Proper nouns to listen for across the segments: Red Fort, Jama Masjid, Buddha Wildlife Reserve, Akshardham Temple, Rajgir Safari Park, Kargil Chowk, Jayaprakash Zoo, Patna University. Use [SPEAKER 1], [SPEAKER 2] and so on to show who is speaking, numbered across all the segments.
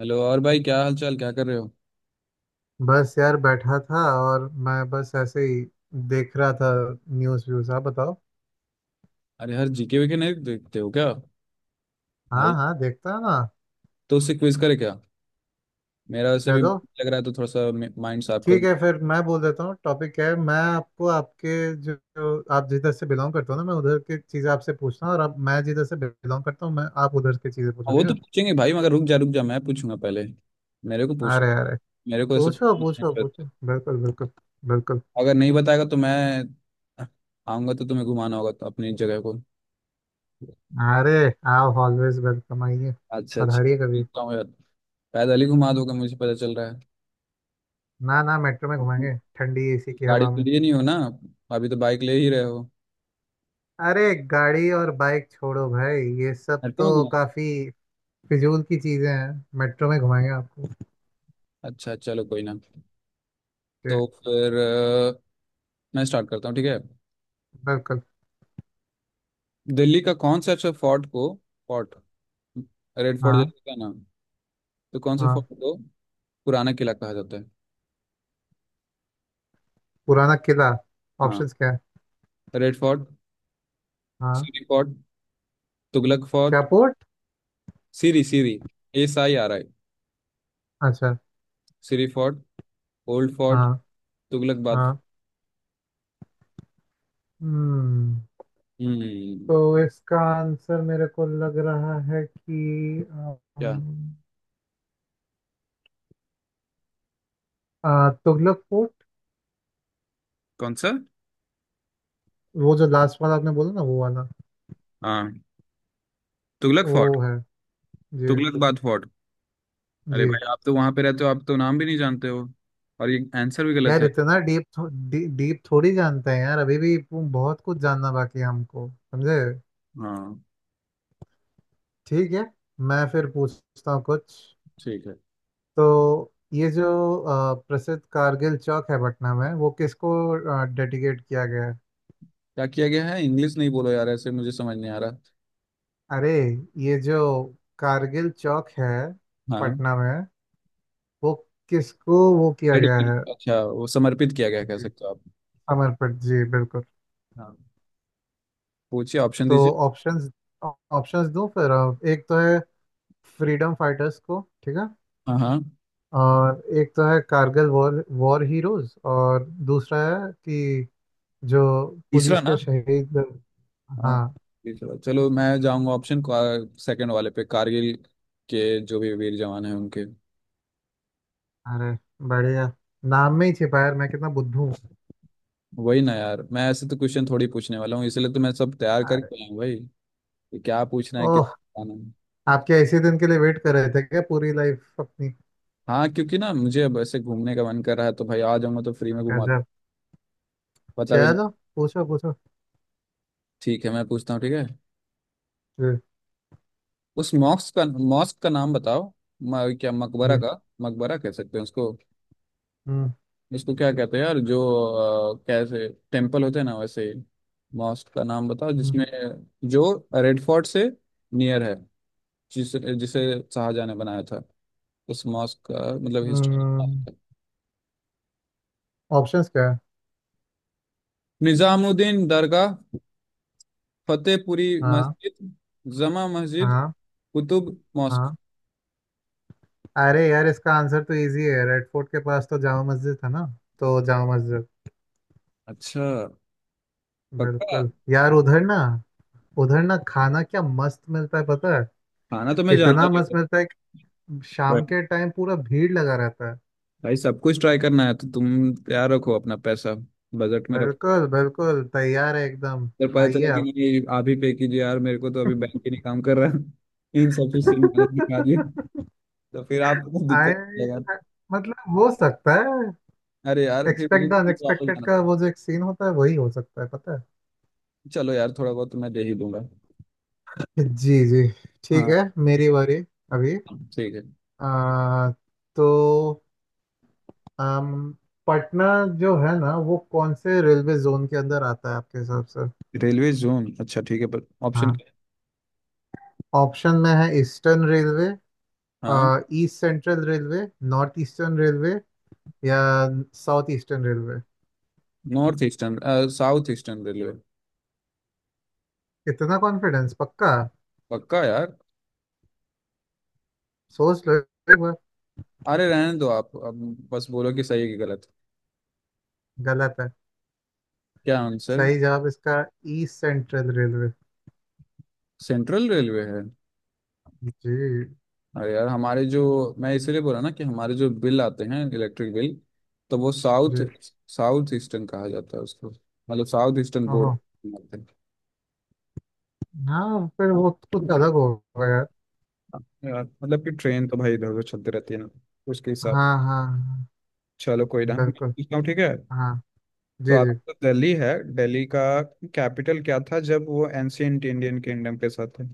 [SPEAKER 1] Hello और भाई, क्या हाल चाल, क्या कर रहे हो?
[SPEAKER 2] बस यार बैठा था और मैं बस ऐसे ही देख रहा था। News views. आप बताओ।
[SPEAKER 1] अरे हर जीके वीके नहीं देखते हो क्या,
[SPEAKER 2] हाँ
[SPEAKER 1] भाई?
[SPEAKER 2] हाँ, देखता है ना।
[SPEAKER 1] तो उससे क्विज करे क्या? मेरा वैसे भी
[SPEAKER 2] चलो।
[SPEAKER 1] लग रहा है तो थोड़ा सा माइंड साफ
[SPEAKER 2] ठीक
[SPEAKER 1] करूँ।
[SPEAKER 2] है, फिर मैं बोल देता हूँ टॉपिक क्या है। मैं आपको आपके जो आप जिधर से बिलोंग करते हो ना, मैं उधर की चीज़ें आपसे पूछता हूँ, और अब मैं जिधर से बिलोंग करता हूँ मैं आप उधर की चीज़ें
[SPEAKER 1] हाँ,
[SPEAKER 2] पूछो।
[SPEAKER 1] वो
[SPEAKER 2] ठीक
[SPEAKER 1] तो
[SPEAKER 2] है।
[SPEAKER 1] पूछेंगे भाई, मगर रुक जा रुक जा, मैं पूछूंगा पहले। मेरे को
[SPEAKER 2] अरे
[SPEAKER 1] पूछना।
[SPEAKER 2] अरे।
[SPEAKER 1] मेरे को ऐसे
[SPEAKER 2] पूछो
[SPEAKER 1] पूछने की
[SPEAKER 2] पूछो
[SPEAKER 1] जरूरत
[SPEAKER 2] पूछो,
[SPEAKER 1] है।
[SPEAKER 2] बिल्कुल बिल्कुल बिल्कुल।
[SPEAKER 1] अगर नहीं बताएगा तो मैं आऊंगा तो तुम्हें घुमाना होगा तो अपनी जगह को।
[SPEAKER 2] अरे, आप ऑलवेज वेलकम, आइए,
[SPEAKER 1] अच्छा, अच्छा।
[SPEAKER 2] पधारिए कभी।
[SPEAKER 1] जीतता हूँ यार, पैदल ही घुमा दोगे, मुझे पता चल रहा है।
[SPEAKER 2] ना ना, मेट्रो में घुमाएंगे ठंडी एसी की
[SPEAKER 1] गाड़ी
[SPEAKER 2] हवा
[SPEAKER 1] तो
[SPEAKER 2] में।
[SPEAKER 1] लिए नहीं हो ना, अभी तो बाइक ले ही रहे हो।
[SPEAKER 2] अरे, गाड़ी और बाइक छोड़ो भाई, ये सब
[SPEAKER 1] हटके में
[SPEAKER 2] तो
[SPEAKER 1] घुमा।
[SPEAKER 2] काफी फिजूल की चीजें हैं। मेट्रो में घुमाएंगे आपको।
[SPEAKER 1] अच्छा, चलो कोई ना।
[SPEAKER 2] ये।
[SPEAKER 1] तो फिर मैं स्टार्ट करता हूँ, ठीक है?
[SPEAKER 2] बिल्कुल।
[SPEAKER 1] दिल्ली का कौन सा अच्छा फोर्ट को, फोर्ट, रेड फोर्ट
[SPEAKER 2] हाँ।
[SPEAKER 1] जैसे का नाम। तो कौन से
[SPEAKER 2] हाँ।
[SPEAKER 1] फोर्ट को पुराना किला कहा जाता है?
[SPEAKER 2] पुराना किला।
[SPEAKER 1] हाँ।
[SPEAKER 2] ऑप्शंस क्या है।
[SPEAKER 1] रेड फोर्ट,
[SPEAKER 2] हाँ।
[SPEAKER 1] सीरी फोर्ट, तुगलक
[SPEAKER 2] क्या
[SPEAKER 1] fort.
[SPEAKER 2] Port.
[SPEAKER 1] Siri, Siri, S I R I।
[SPEAKER 2] अच्छा।
[SPEAKER 1] सीरी फोर्ट, ओल्ड फोर्ट,
[SPEAKER 2] हाँ।
[SPEAKER 1] तुगलक बाद।
[SPEAKER 2] हाँ। हम्म
[SPEAKER 1] हम्म।
[SPEAKER 2] तो इसका आंसर मेरे को लग रहा है कि
[SPEAKER 1] क्या?
[SPEAKER 2] अम, तुगलक पोर्ट।
[SPEAKER 1] कौन सा?
[SPEAKER 2] वो जो लास्ट वाला आपने बोला ना वो वाला।
[SPEAKER 1] हाँ, तुगलक फोर्ट।
[SPEAKER 2] वो है। जी।
[SPEAKER 1] तुगलक बाद फोर्ट। अरे
[SPEAKER 2] जी।
[SPEAKER 1] भाई, आप तो वहां पे रहते हो, आप तो नाम भी नहीं जानते हो, और ये आंसर भी गलत
[SPEAKER 2] यार
[SPEAKER 1] है।
[SPEAKER 2] इतना डीप थोड़ी जानते हैं यार, अभी भी बहुत कुछ जानना बाकी है हमको, समझे।
[SPEAKER 1] हाँ।
[SPEAKER 2] ठीक है। मैं फिर पूछता हूँ कुछ।
[SPEAKER 1] ठीक है।
[SPEAKER 2] तो ये जो प्रसिद्ध कारगिल चौक है पटना में, वो किसको डेडिकेट किया गया है।
[SPEAKER 1] क्या किया गया है? इंग्लिश नहीं बोलो यार, ऐसे मुझे समझ नहीं आ रहा।
[SPEAKER 2] अरे ये जो कारगिल चौक है
[SPEAKER 1] हाँ।
[SPEAKER 2] पटना में, वो किसको वो किया गया
[SPEAKER 1] डेडिकेट,
[SPEAKER 2] है।
[SPEAKER 1] अच्छा, वो समर्पित किया गया कह
[SPEAKER 2] जी।
[SPEAKER 1] सकते हो आप।
[SPEAKER 2] समर्पित जी, बिल्कुल।
[SPEAKER 1] हाँ। पूछिए, ऑप्शन
[SPEAKER 2] तो
[SPEAKER 1] दीजिए।
[SPEAKER 2] ऑप्शंस। ऑप्शंस दूं फिर। एक तो है फ्रीडम फाइटर्स को, ठीक है,
[SPEAKER 1] हाँ, हाँ।
[SPEAKER 2] और एक तो है कारगिल वॉर वॉर हीरोज, और दूसरा है कि जो
[SPEAKER 1] तीसरा
[SPEAKER 2] पुलिस के
[SPEAKER 1] ना।
[SPEAKER 2] शहीद।
[SPEAKER 1] हाँ,
[SPEAKER 2] हाँ।
[SPEAKER 1] तीसरा। चलो मैं जाऊंगा ऑप्शन सेकंड वाले पे, कारगिल के जो भी वीर जवान हैं उनके।
[SPEAKER 2] अरे बढ़िया। नाम में ही छिपा है यार, मैं कितना बुद्धू हूँ।
[SPEAKER 1] वही ना यार, मैं ऐसे तो क्वेश्चन थोड़ी पूछने वाला हूँ, इसलिए तो मैं सब तैयार
[SPEAKER 2] अरे।
[SPEAKER 1] करके आया हूँ भाई कि क्या पूछना है,
[SPEAKER 2] ओह,
[SPEAKER 1] कितना आना है।
[SPEAKER 2] आप क्या इसी दिन के लिए वेट कर रहे थे क्या पूरी लाइफ अपनी।
[SPEAKER 1] हाँ, क्योंकि ना मुझे अब ऐसे घूमने का मन कर रहा है, तो भाई आ जाऊंगा तो फ्री में घुमा।
[SPEAKER 2] गजब।
[SPEAKER 1] पता भी।
[SPEAKER 2] चलो, पूछो पूछो।
[SPEAKER 1] ठीक है, मैं पूछता हूँ, ठीक है?
[SPEAKER 2] जी।
[SPEAKER 1] उस मॉस्क का नाम बताओ। क्या मकबरा
[SPEAKER 2] जी।
[SPEAKER 1] का मकबरा कह सकते हैं उसको?
[SPEAKER 2] हम्म।
[SPEAKER 1] इसको क्या कहते हैं यार, जो कैसे टेम्पल होते हैं ना वैसे ही। मॉस्क का नाम बताओ जिसमें, जो रेड फोर्ट से नियर है, जिस जिसे शाहजहाँ ने बनाया था, उस मॉस्क का, मतलब हिस्ट्री।
[SPEAKER 2] हम्म। ऑप्शंस क्या है।
[SPEAKER 1] निजामुद्दीन दरगाह, फतेहपुरी
[SPEAKER 2] हाँ।
[SPEAKER 1] मस्जिद, जमा मस्जिद,
[SPEAKER 2] हाँ।
[SPEAKER 1] कुतुब मॉस्क।
[SPEAKER 2] हाँ। अरे यार, इसका आंसर तो इजी है, रेड फोर्ट के पास तो जामा मस्जिद था ना, तो जामा मस्जिद।
[SPEAKER 1] अच्छा। पक्का?
[SPEAKER 2] बिल्कुल यार। उधर ना, उधर ना खाना क्या मस्त मिलता है पता है।
[SPEAKER 1] खाना तो मैं जानता
[SPEAKER 2] इतना
[SPEAKER 1] नहीं
[SPEAKER 2] मस्त
[SPEAKER 1] था,
[SPEAKER 2] मिलता है कि
[SPEAKER 1] पर
[SPEAKER 2] शाम के टाइम पूरा भीड़ लगा रहता है।
[SPEAKER 1] भाई, सब कुछ ट्राई करना है तो तुम तैयार रखो अपना पैसा, बजट में रखो।
[SPEAKER 2] बिल्कुल बिल्कुल, तैयार है एकदम।
[SPEAKER 1] फिर पता
[SPEAKER 2] आइए
[SPEAKER 1] चला कि
[SPEAKER 2] आप।
[SPEAKER 1] नहीं, आप ही पे कीजिए यार, मेरे को तो अभी बैंक ही नहीं काम कर रहा। इन सब चीज सेम मैनेज दिखा दिए, तो फिर आपको तो
[SPEAKER 2] आए।
[SPEAKER 1] दिक्कत लगा।
[SPEAKER 2] मतलब हो सकता है।
[SPEAKER 1] अरे यार, फिर
[SPEAKER 2] एक्सपेक्ट द
[SPEAKER 1] बुजुर्ग वापस
[SPEAKER 2] अनएक्सपेक्टेड
[SPEAKER 1] जाना
[SPEAKER 2] का
[SPEAKER 1] था।
[SPEAKER 2] वो जो एक सीन होता है वही हो सकता है पता
[SPEAKER 1] चलो यार, थोड़ा बहुत तो मैं दे ही दूंगा।
[SPEAKER 2] है। जी जी। ठीक
[SPEAKER 1] हाँ।
[SPEAKER 2] है, मेरी बारी अभी।
[SPEAKER 1] ठीक है।
[SPEAKER 2] आ, तो अम, पटना जो है ना वो कौन से रेलवे जोन के अंदर आता है आपके हिसाब से।
[SPEAKER 1] रेलवे जोन, अच्छा ठीक है, पर ऑप्शन
[SPEAKER 2] हाँ,
[SPEAKER 1] क्या है?
[SPEAKER 2] ऑप्शन में है ईस्टर्न रेलवे,
[SPEAKER 1] हाँ।
[SPEAKER 2] East central railway, north eastern railway, या south eastern railway.
[SPEAKER 1] North eastern, south eastern railway.
[SPEAKER 2] इतना कॉन्फिडेंस, पक्का।
[SPEAKER 1] पक्का यार।
[SPEAKER 2] सोच लो एक बार।
[SPEAKER 1] अरे रहने दो आप अब, बस बोलो कि सही है कि गलत।
[SPEAKER 2] गलत है।
[SPEAKER 1] क्या आंसर?
[SPEAKER 2] सही जवाब इसका east central railway.
[SPEAKER 1] Central railway है।
[SPEAKER 2] जी।
[SPEAKER 1] अरे यार, हमारे जो, मैं इसलिए बोला ना कि हमारे जो बिल आते हैं, इलेक्ट्रिक बिल, तो वो साउथ
[SPEAKER 2] जी।
[SPEAKER 1] साउथ ईस्टर्न कहा जाता है उसको, मतलब साउथ ईस्टर्न बोर्ड
[SPEAKER 2] ओहो।
[SPEAKER 1] आते हैं
[SPEAKER 2] हाँ फिर वो तो कुछ अलग होगा यार।
[SPEAKER 1] यार, मतलब कि ट्रेन तो भाई इधर उधर चलती रहती है ना उसके हिसाब
[SPEAKER 2] हाँ
[SPEAKER 1] से।
[SPEAKER 2] हाँ हाँ।
[SPEAKER 1] चलो कोई ना, मैं
[SPEAKER 2] बिल्कुल।
[SPEAKER 1] पूछता हूँ, ठीक है?
[SPEAKER 2] हाँ।
[SPEAKER 1] तो
[SPEAKER 2] जी जी।
[SPEAKER 1] आपका तो दिल्ली है, दिल्ली का कैपिटल क्या था जब वो एंशियंट इंडियन किंगडम के साथ थे?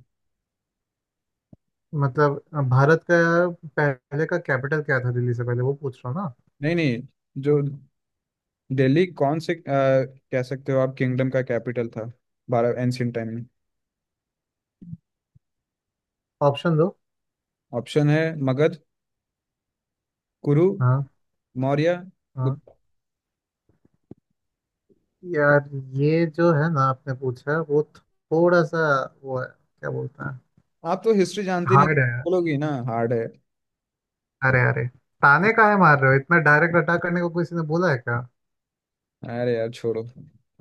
[SPEAKER 2] मतलब भारत का पहले का कैपिटल क्या था, दिल्ली से पहले, वो पूछ रहा हूँ ना।
[SPEAKER 1] नहीं, नहीं, जो दिल्ली कौन से कह सकते हो आप किंगडम का कैपिटल था, भारत एंशियंट टाइम में?
[SPEAKER 2] ऑप्शन दो।
[SPEAKER 1] ऑप्शन है मगध, कुरु,
[SPEAKER 2] हाँ।
[SPEAKER 1] मौर्य,
[SPEAKER 2] हाँ।
[SPEAKER 1] गुप्त।
[SPEAKER 2] यार ये जो है ना आपने पूछा वो थोड़ा सा वो है क्या बोलते हैं।
[SPEAKER 1] आप तो हिस्ट्री जानते नहीं तो
[SPEAKER 2] हार्ड है यार।
[SPEAKER 1] बोलोगी ना हार्ड है।
[SPEAKER 2] अरे अरे, ताने काहे मार रहे हो, इतना डायरेक्ट अटैक करने को किसी ने बोला है क्या।
[SPEAKER 1] अरे यार छोड़ो,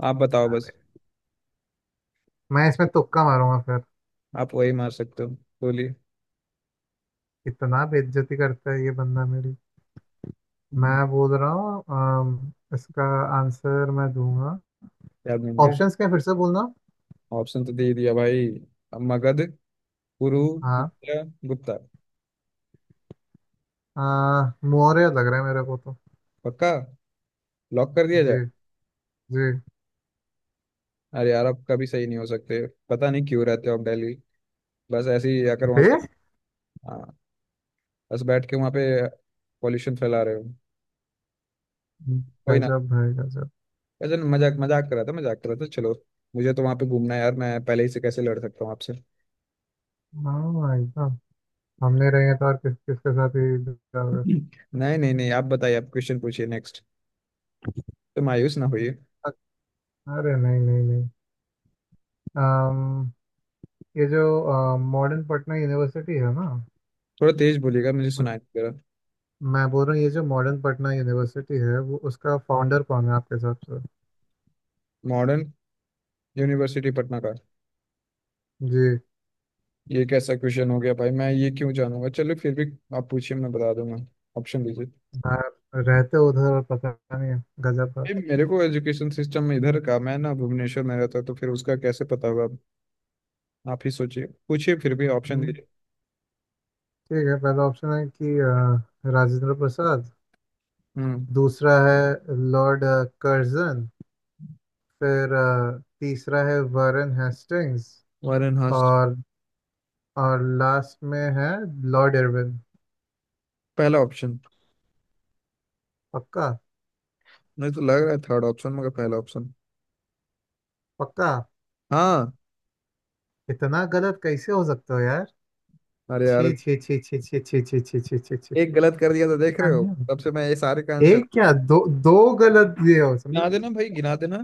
[SPEAKER 1] आप बताओ बस।
[SPEAKER 2] अरे, मैं इसमें तुक्का मारूंगा फिर।
[SPEAKER 1] आप वही मार सकते हो, बोलिए।
[SPEAKER 2] इतना बेइज्जती करता है ये बंदा मेरी।
[SPEAKER 1] हम्म,
[SPEAKER 2] मैं बोल रहा हूँ इसका आंसर मैं दूंगा।
[SPEAKER 1] याद नहीं गए?
[SPEAKER 2] ऑप्शंस क्या फिर से बोलना।
[SPEAKER 1] ऑप्शन तो दे दिया भाई। अब मगध, पुरु,
[SPEAKER 2] हाँ।
[SPEAKER 1] मौर्य, गुप्ता।
[SPEAKER 2] अ, मौर्य लग रहा है मेरे को तो।
[SPEAKER 1] पक्का? लॉक कर दिया
[SPEAKER 2] जी।
[SPEAKER 1] जाए?
[SPEAKER 2] जी।
[SPEAKER 1] अरे यार, आप कभी सही नहीं हो सकते, पता नहीं क्यों रहते हो आप दिल्ली, बस ऐसे ही आकर वहाँ
[SPEAKER 2] बे।
[SPEAKER 1] पे। हाँ। बस बैठ के वहाँ पे पॉल्यूशन फैला रहे हो। कोई ना।
[SPEAKER 2] गजब भाई गजब।
[SPEAKER 1] अच्छा, मजाक मजाक कर रहा था, मजाक कर रहा था, चलो। मुझे तो वहाँ पे घूमना है यार, मैं पहले ही से कैसे लड़ सकता हूँ आपसे।
[SPEAKER 2] हाँ भाई साहब, हमने रहेंगे तो और किस किसके साथ ही बिता होगा।
[SPEAKER 1] नहीं, नहीं, नहीं, आप बताइए, आप क्वेश्चन पूछिए नेक्स्ट, तो मायूस ना होइए।
[SPEAKER 2] अरे नहीं नहीं नहीं। अम, ये जो मॉडर्न पटना यूनिवर्सिटी है ना।
[SPEAKER 1] थोड़ा तेज बोलिएगा, मुझे सुनाई नहीं दे रहा।
[SPEAKER 2] मैं बोल रहा हूँ ये जो मॉडर्न पटना यूनिवर्सिटी है वो उसका फाउंडर कौन है आपके हिसाब से।
[SPEAKER 1] मॉडर्न यूनिवर्सिटी पटना का?
[SPEAKER 2] जी।
[SPEAKER 1] ये कैसा क्वेश्चन हो गया भाई, मैं ये क्यों जानूंगा? चलो फिर भी आप पूछिए, मैं बता दूंगा, ऑप्शन दीजिए।
[SPEAKER 2] आप रहते हो उधर और पता नहीं है, गजब बात।
[SPEAKER 1] ये मेरे को एजुकेशन सिस्टम इधर का, मैं ना भुवनेश्वर में रहता हूँ, तो फिर उसका कैसे पता होगा आप? आप ही सोचिए, पूछिए फिर भी, ऑप्शन
[SPEAKER 2] हम्म,
[SPEAKER 1] दीजिए।
[SPEAKER 2] ठीक है, पहला ऑप्शन है कि राजेंद्र प्रसाद,
[SPEAKER 1] हम्म।
[SPEAKER 2] दूसरा है लॉर्ड कर्जन, फिर तीसरा है वारन हेस्टिंग्स,
[SPEAKER 1] वारेन हास्ट।
[SPEAKER 2] और और लास्ट में है लॉर्ड इरविन।
[SPEAKER 1] पहला ऑप्शन।
[SPEAKER 2] पक्का।
[SPEAKER 1] नहीं, तो लग रहा है थर्ड ऑप्शन, मगर पहला ऑप्शन।
[SPEAKER 2] पक्का।
[SPEAKER 1] हाँ।
[SPEAKER 2] इतना गलत कैसे हो सकता हो यार।
[SPEAKER 1] अरे
[SPEAKER 2] छी
[SPEAKER 1] यार,
[SPEAKER 2] छी छी छी छी छी छी छी छी छी छी।
[SPEAKER 1] एक गलत कर दिया तो देख
[SPEAKER 2] ऐसा
[SPEAKER 1] रहे हो,
[SPEAKER 2] नहीं हो।
[SPEAKER 1] तब से मैं ये सारे का आंसर।
[SPEAKER 2] एक क्या दो। दो गलत दिए हो समझे।
[SPEAKER 1] गिना देना भाई, गिना देना।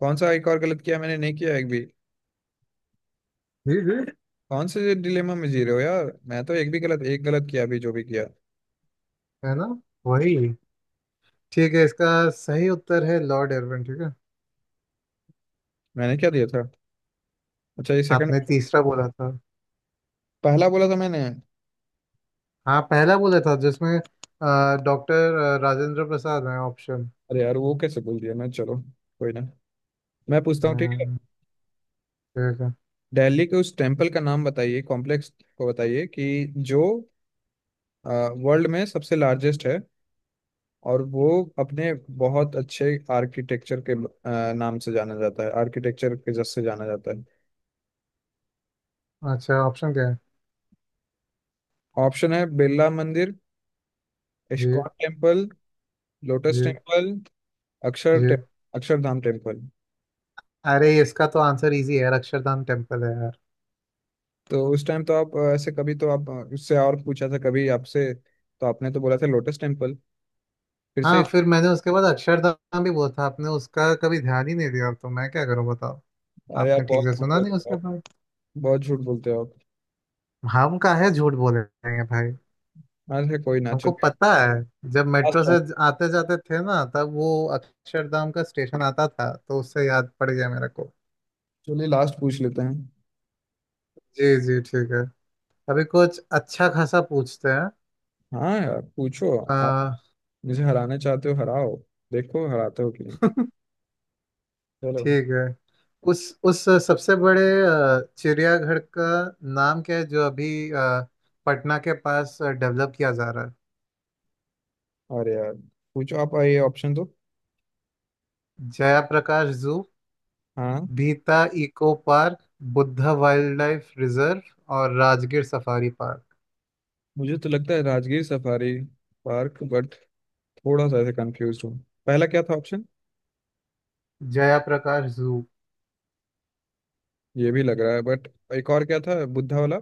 [SPEAKER 1] कौन सा एक और गलत किया मैंने? नहीं किया एक भी।
[SPEAKER 2] जी जी।
[SPEAKER 1] कौन से डिलेमा में जी रहे हो यार, मैं तो एक भी गलत, एक गलत किया अभी, जो भी किया।
[SPEAKER 2] है ना। वही। ठीक है, इसका सही उत्तर है लॉर्ड इरविन, ठीक है।
[SPEAKER 1] मैंने क्या दिया था? अच्छा, ये सेकंड?
[SPEAKER 2] आपने तीसरा बोला था।
[SPEAKER 1] पहला बोला था मैंने।
[SPEAKER 2] हाँ पहला बोला था जिसमें डॉक्टर राजेंद्र प्रसाद है ऑप्शन।
[SPEAKER 1] अरे यार, वो कैसे बोल दिया मैं? चलो कोई ना, मैं पूछता हूँ, ठीक है?
[SPEAKER 2] ठीक है।
[SPEAKER 1] दिल्ली के उस टेम्पल का नाम बताइए, कॉम्प्लेक्स को बताइए कि जो वर्ल्ड में सबसे लार्जेस्ट है, और वो अपने बहुत अच्छे आर्किटेक्चर के नाम से जाना जाता है, आर्किटेक्चर के जस से जाना जाता है।
[SPEAKER 2] अच्छा ऑप्शन क्या है।
[SPEAKER 1] ऑप्शन है बिरला मंदिर,
[SPEAKER 2] जी।
[SPEAKER 1] इस्कॉन टेम्पल, लोटस
[SPEAKER 2] जी।
[SPEAKER 1] टेम्पल, अक्षर
[SPEAKER 2] जी।
[SPEAKER 1] टे, अक्षरधाम टेम्पल।
[SPEAKER 2] अरे इसका तो आंसर इजी है यार, अक्षरधाम टेम्पल है यार।
[SPEAKER 1] तो उस टाइम तो आप ऐसे कभी, तो आप उससे और पूछा था कभी, आपसे तो आपने तो बोला था लोटस टेम्पल, फिर से।
[SPEAKER 2] हाँ फिर मैंने उसके बाद अक्षरधाम भी बोला था, आपने उसका कभी ध्यान ही नहीं दिया तो मैं क्या करूँ बताओ।
[SPEAKER 1] अरे
[SPEAKER 2] आपने
[SPEAKER 1] आप
[SPEAKER 2] ठीक
[SPEAKER 1] बहुत
[SPEAKER 2] से
[SPEAKER 1] झूठ
[SPEAKER 2] सुना नहीं
[SPEAKER 1] बोलते हो
[SPEAKER 2] उसके
[SPEAKER 1] आप,
[SPEAKER 2] बाद।
[SPEAKER 1] बहुत झूठ बोलते हो आप।
[SPEAKER 2] हम का है झूठ बोलेंगे भाई।
[SPEAKER 1] अरे कोई ना,
[SPEAKER 2] हमको
[SPEAKER 1] चलिए
[SPEAKER 2] पता है, जब
[SPEAKER 1] लास्ट
[SPEAKER 2] मेट्रो से
[SPEAKER 1] राउंड।
[SPEAKER 2] आते जाते थे ना तब वो अक्षरधाम का स्टेशन आता था तो उससे याद पड़ गया मेरे को।
[SPEAKER 1] चलिए लास्ट पूछ लेते हैं।
[SPEAKER 2] जी जी ठीक है। अभी कुछ अच्छा खासा पूछते हैं।
[SPEAKER 1] हाँ यार, पूछो। आप
[SPEAKER 2] आ,
[SPEAKER 1] मुझे हराना चाहते हो? हराओ, देखो हराते हो कि नहीं। चलो।
[SPEAKER 2] ठीक है, उस सबसे बड़े चिड़ियाघर का नाम क्या है जो अभी पटना के पास डेवलप किया जा रहा
[SPEAKER 1] अरे यार, पूछो आप ये, ऑप्शन दो।
[SPEAKER 2] है। जयाप्रकाश जू,
[SPEAKER 1] हाँ।
[SPEAKER 2] भीता eco park, Buddha wildlife reserve, और राजगीर सफारी पार्क।
[SPEAKER 1] मुझे तो लगता है राजगीर सफारी पार्क। थोड़ा सा ऐसे कंफ्यूज हूँ, पहला क्या था ऑप्शन?
[SPEAKER 2] जयाप्रकाश जू।
[SPEAKER 1] ये भी लग रहा है बट, एक और क्या था? बुद्धा वाला।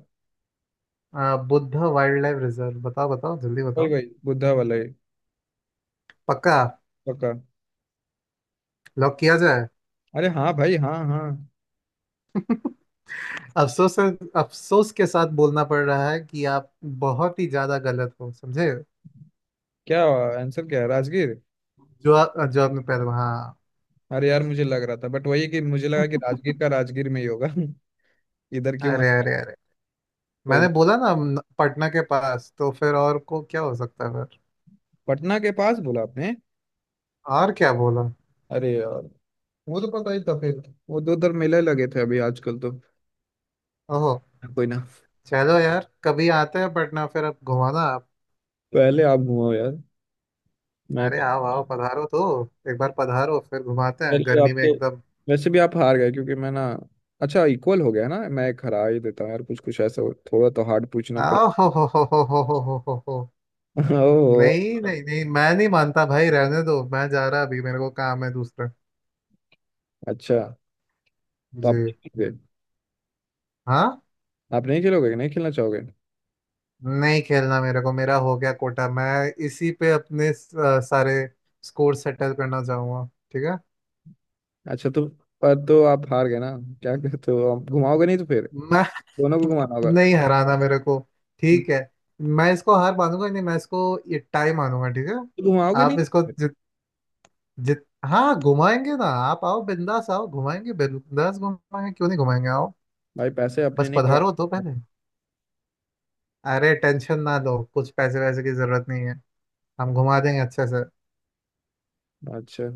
[SPEAKER 2] Buddha wildlife reserve. बताओ बताओ जल्दी
[SPEAKER 1] वही,
[SPEAKER 2] बताओ।
[SPEAKER 1] वही बुद्धा वाला ही।
[SPEAKER 2] पक्का।
[SPEAKER 1] पक्का।
[SPEAKER 2] लॉक किया जाए।
[SPEAKER 1] अरे हाँ भाई, हाँ, हाँ।
[SPEAKER 2] अफसोस अफसोस के साथ बोलना पड़ रहा है कि आप बहुत ही ज्यादा गलत हो समझे।
[SPEAKER 1] क्या? आंसर क्या है? राजगीर?
[SPEAKER 2] जो जो आपने पहले। हाँ,
[SPEAKER 1] अरे यार, मुझे लग रहा था बट, वही कि मुझे लगा कि राजगीर का राजगीर में ही होगा। इधर क्यों
[SPEAKER 2] अरे
[SPEAKER 1] आया?
[SPEAKER 2] अरे अरे,
[SPEAKER 1] कोई ना।
[SPEAKER 2] मैंने बोला ना पटना के पास, तो फिर और को क्या हो सकता है फिर।
[SPEAKER 1] पटना के पास बोला आपने।
[SPEAKER 2] और क्या बोला।
[SPEAKER 1] अरे यार, वो तो पता ही था फिर। वो दो उधर मेले लगे थे अभी आजकल तो।
[SPEAKER 2] ओहो।
[SPEAKER 1] कोई ना।
[SPEAKER 2] चलो यार, कभी आते हैं पटना फिर, अब घुमाना आप।
[SPEAKER 1] पहले आप घुमाओ यार, मैं।
[SPEAKER 2] अरे आओ आओ, पधारो तो। एक बार पधारो, फिर घुमाते
[SPEAKER 1] पर
[SPEAKER 2] हैं
[SPEAKER 1] ये आप
[SPEAKER 2] गर्मी में
[SPEAKER 1] तो,
[SPEAKER 2] एकदम।
[SPEAKER 1] वैसे भी आप हार गए क्योंकि मैं ना। अच्छा, इक्वल हो गया ना, मैं एक हरा ही देता हूँ यार, कुछ कुछ ऐसा थोड़ा तो हार्ड पूछना पड़े।
[SPEAKER 2] आओ हो हो।
[SPEAKER 1] ओह।
[SPEAKER 2] नहीं नहीं नहीं, मैं नहीं मानता भाई, रहने दो, मैं जा रहा अभी, मेरे को काम है दूसरा।
[SPEAKER 1] अच्छा, तो आप
[SPEAKER 2] जी।
[SPEAKER 1] नहीं खेलोगे?
[SPEAKER 2] हाँ।
[SPEAKER 1] आप नहीं खेलोगे, नहीं खेलना चाहोगे?
[SPEAKER 2] नहीं खेलना मेरे को, मेरा हो गया कोटा। मैं इसी पे अपने सारे स्कोर सेटल करना चाहूंगा, ठीक है।
[SPEAKER 1] अच्छा। तो पर तो आप हार गए ना, क्या कहते हो? आप घुमाओगे नहीं तो फिर
[SPEAKER 2] मैं
[SPEAKER 1] दोनों को घुमाना होगा।
[SPEAKER 2] नहीं हराना मेरे को।
[SPEAKER 1] हम्म।
[SPEAKER 2] ठीक है, मैं इसको हार मानूंगा नहीं, मैं इसको ये टाई मानूंगा, ठीक है।
[SPEAKER 1] तो घुमाओगे नहीं?
[SPEAKER 2] आप इसको जित जित हाँ, घुमाएंगे ना आप, आओ बिंदास, आओ घुमाएंगे बिंदास, घुमाएंगे क्यों नहीं घुमाएंगे, आओ।
[SPEAKER 1] भाई पैसे अपने
[SPEAKER 2] बस
[SPEAKER 1] नहीं
[SPEAKER 2] पधारो तो
[SPEAKER 1] लगा।
[SPEAKER 2] पहले। अरे टेंशन ना लो, कुछ पैसे वैसे की जरूरत नहीं है, हम घुमा देंगे अच्छे से।
[SPEAKER 1] अच्छा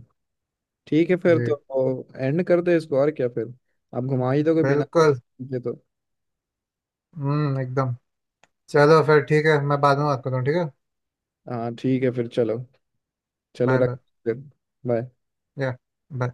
[SPEAKER 1] ठीक है, फिर तो
[SPEAKER 2] जी।
[SPEAKER 1] एंड कर दे इसको, और क्या फिर। आप घुमा ही दोगे बिना
[SPEAKER 2] बिल्कुल।
[SPEAKER 1] पैसे के तो।
[SPEAKER 2] एकदम। चलो फिर ठीक है, मैं बाद में बात करता हूँ ठीक है।
[SPEAKER 1] हाँ ठीक है, फिर चलो। चलो
[SPEAKER 2] बाय बाय।
[SPEAKER 1] रख फिर, बाय।
[SPEAKER 2] या। बाय।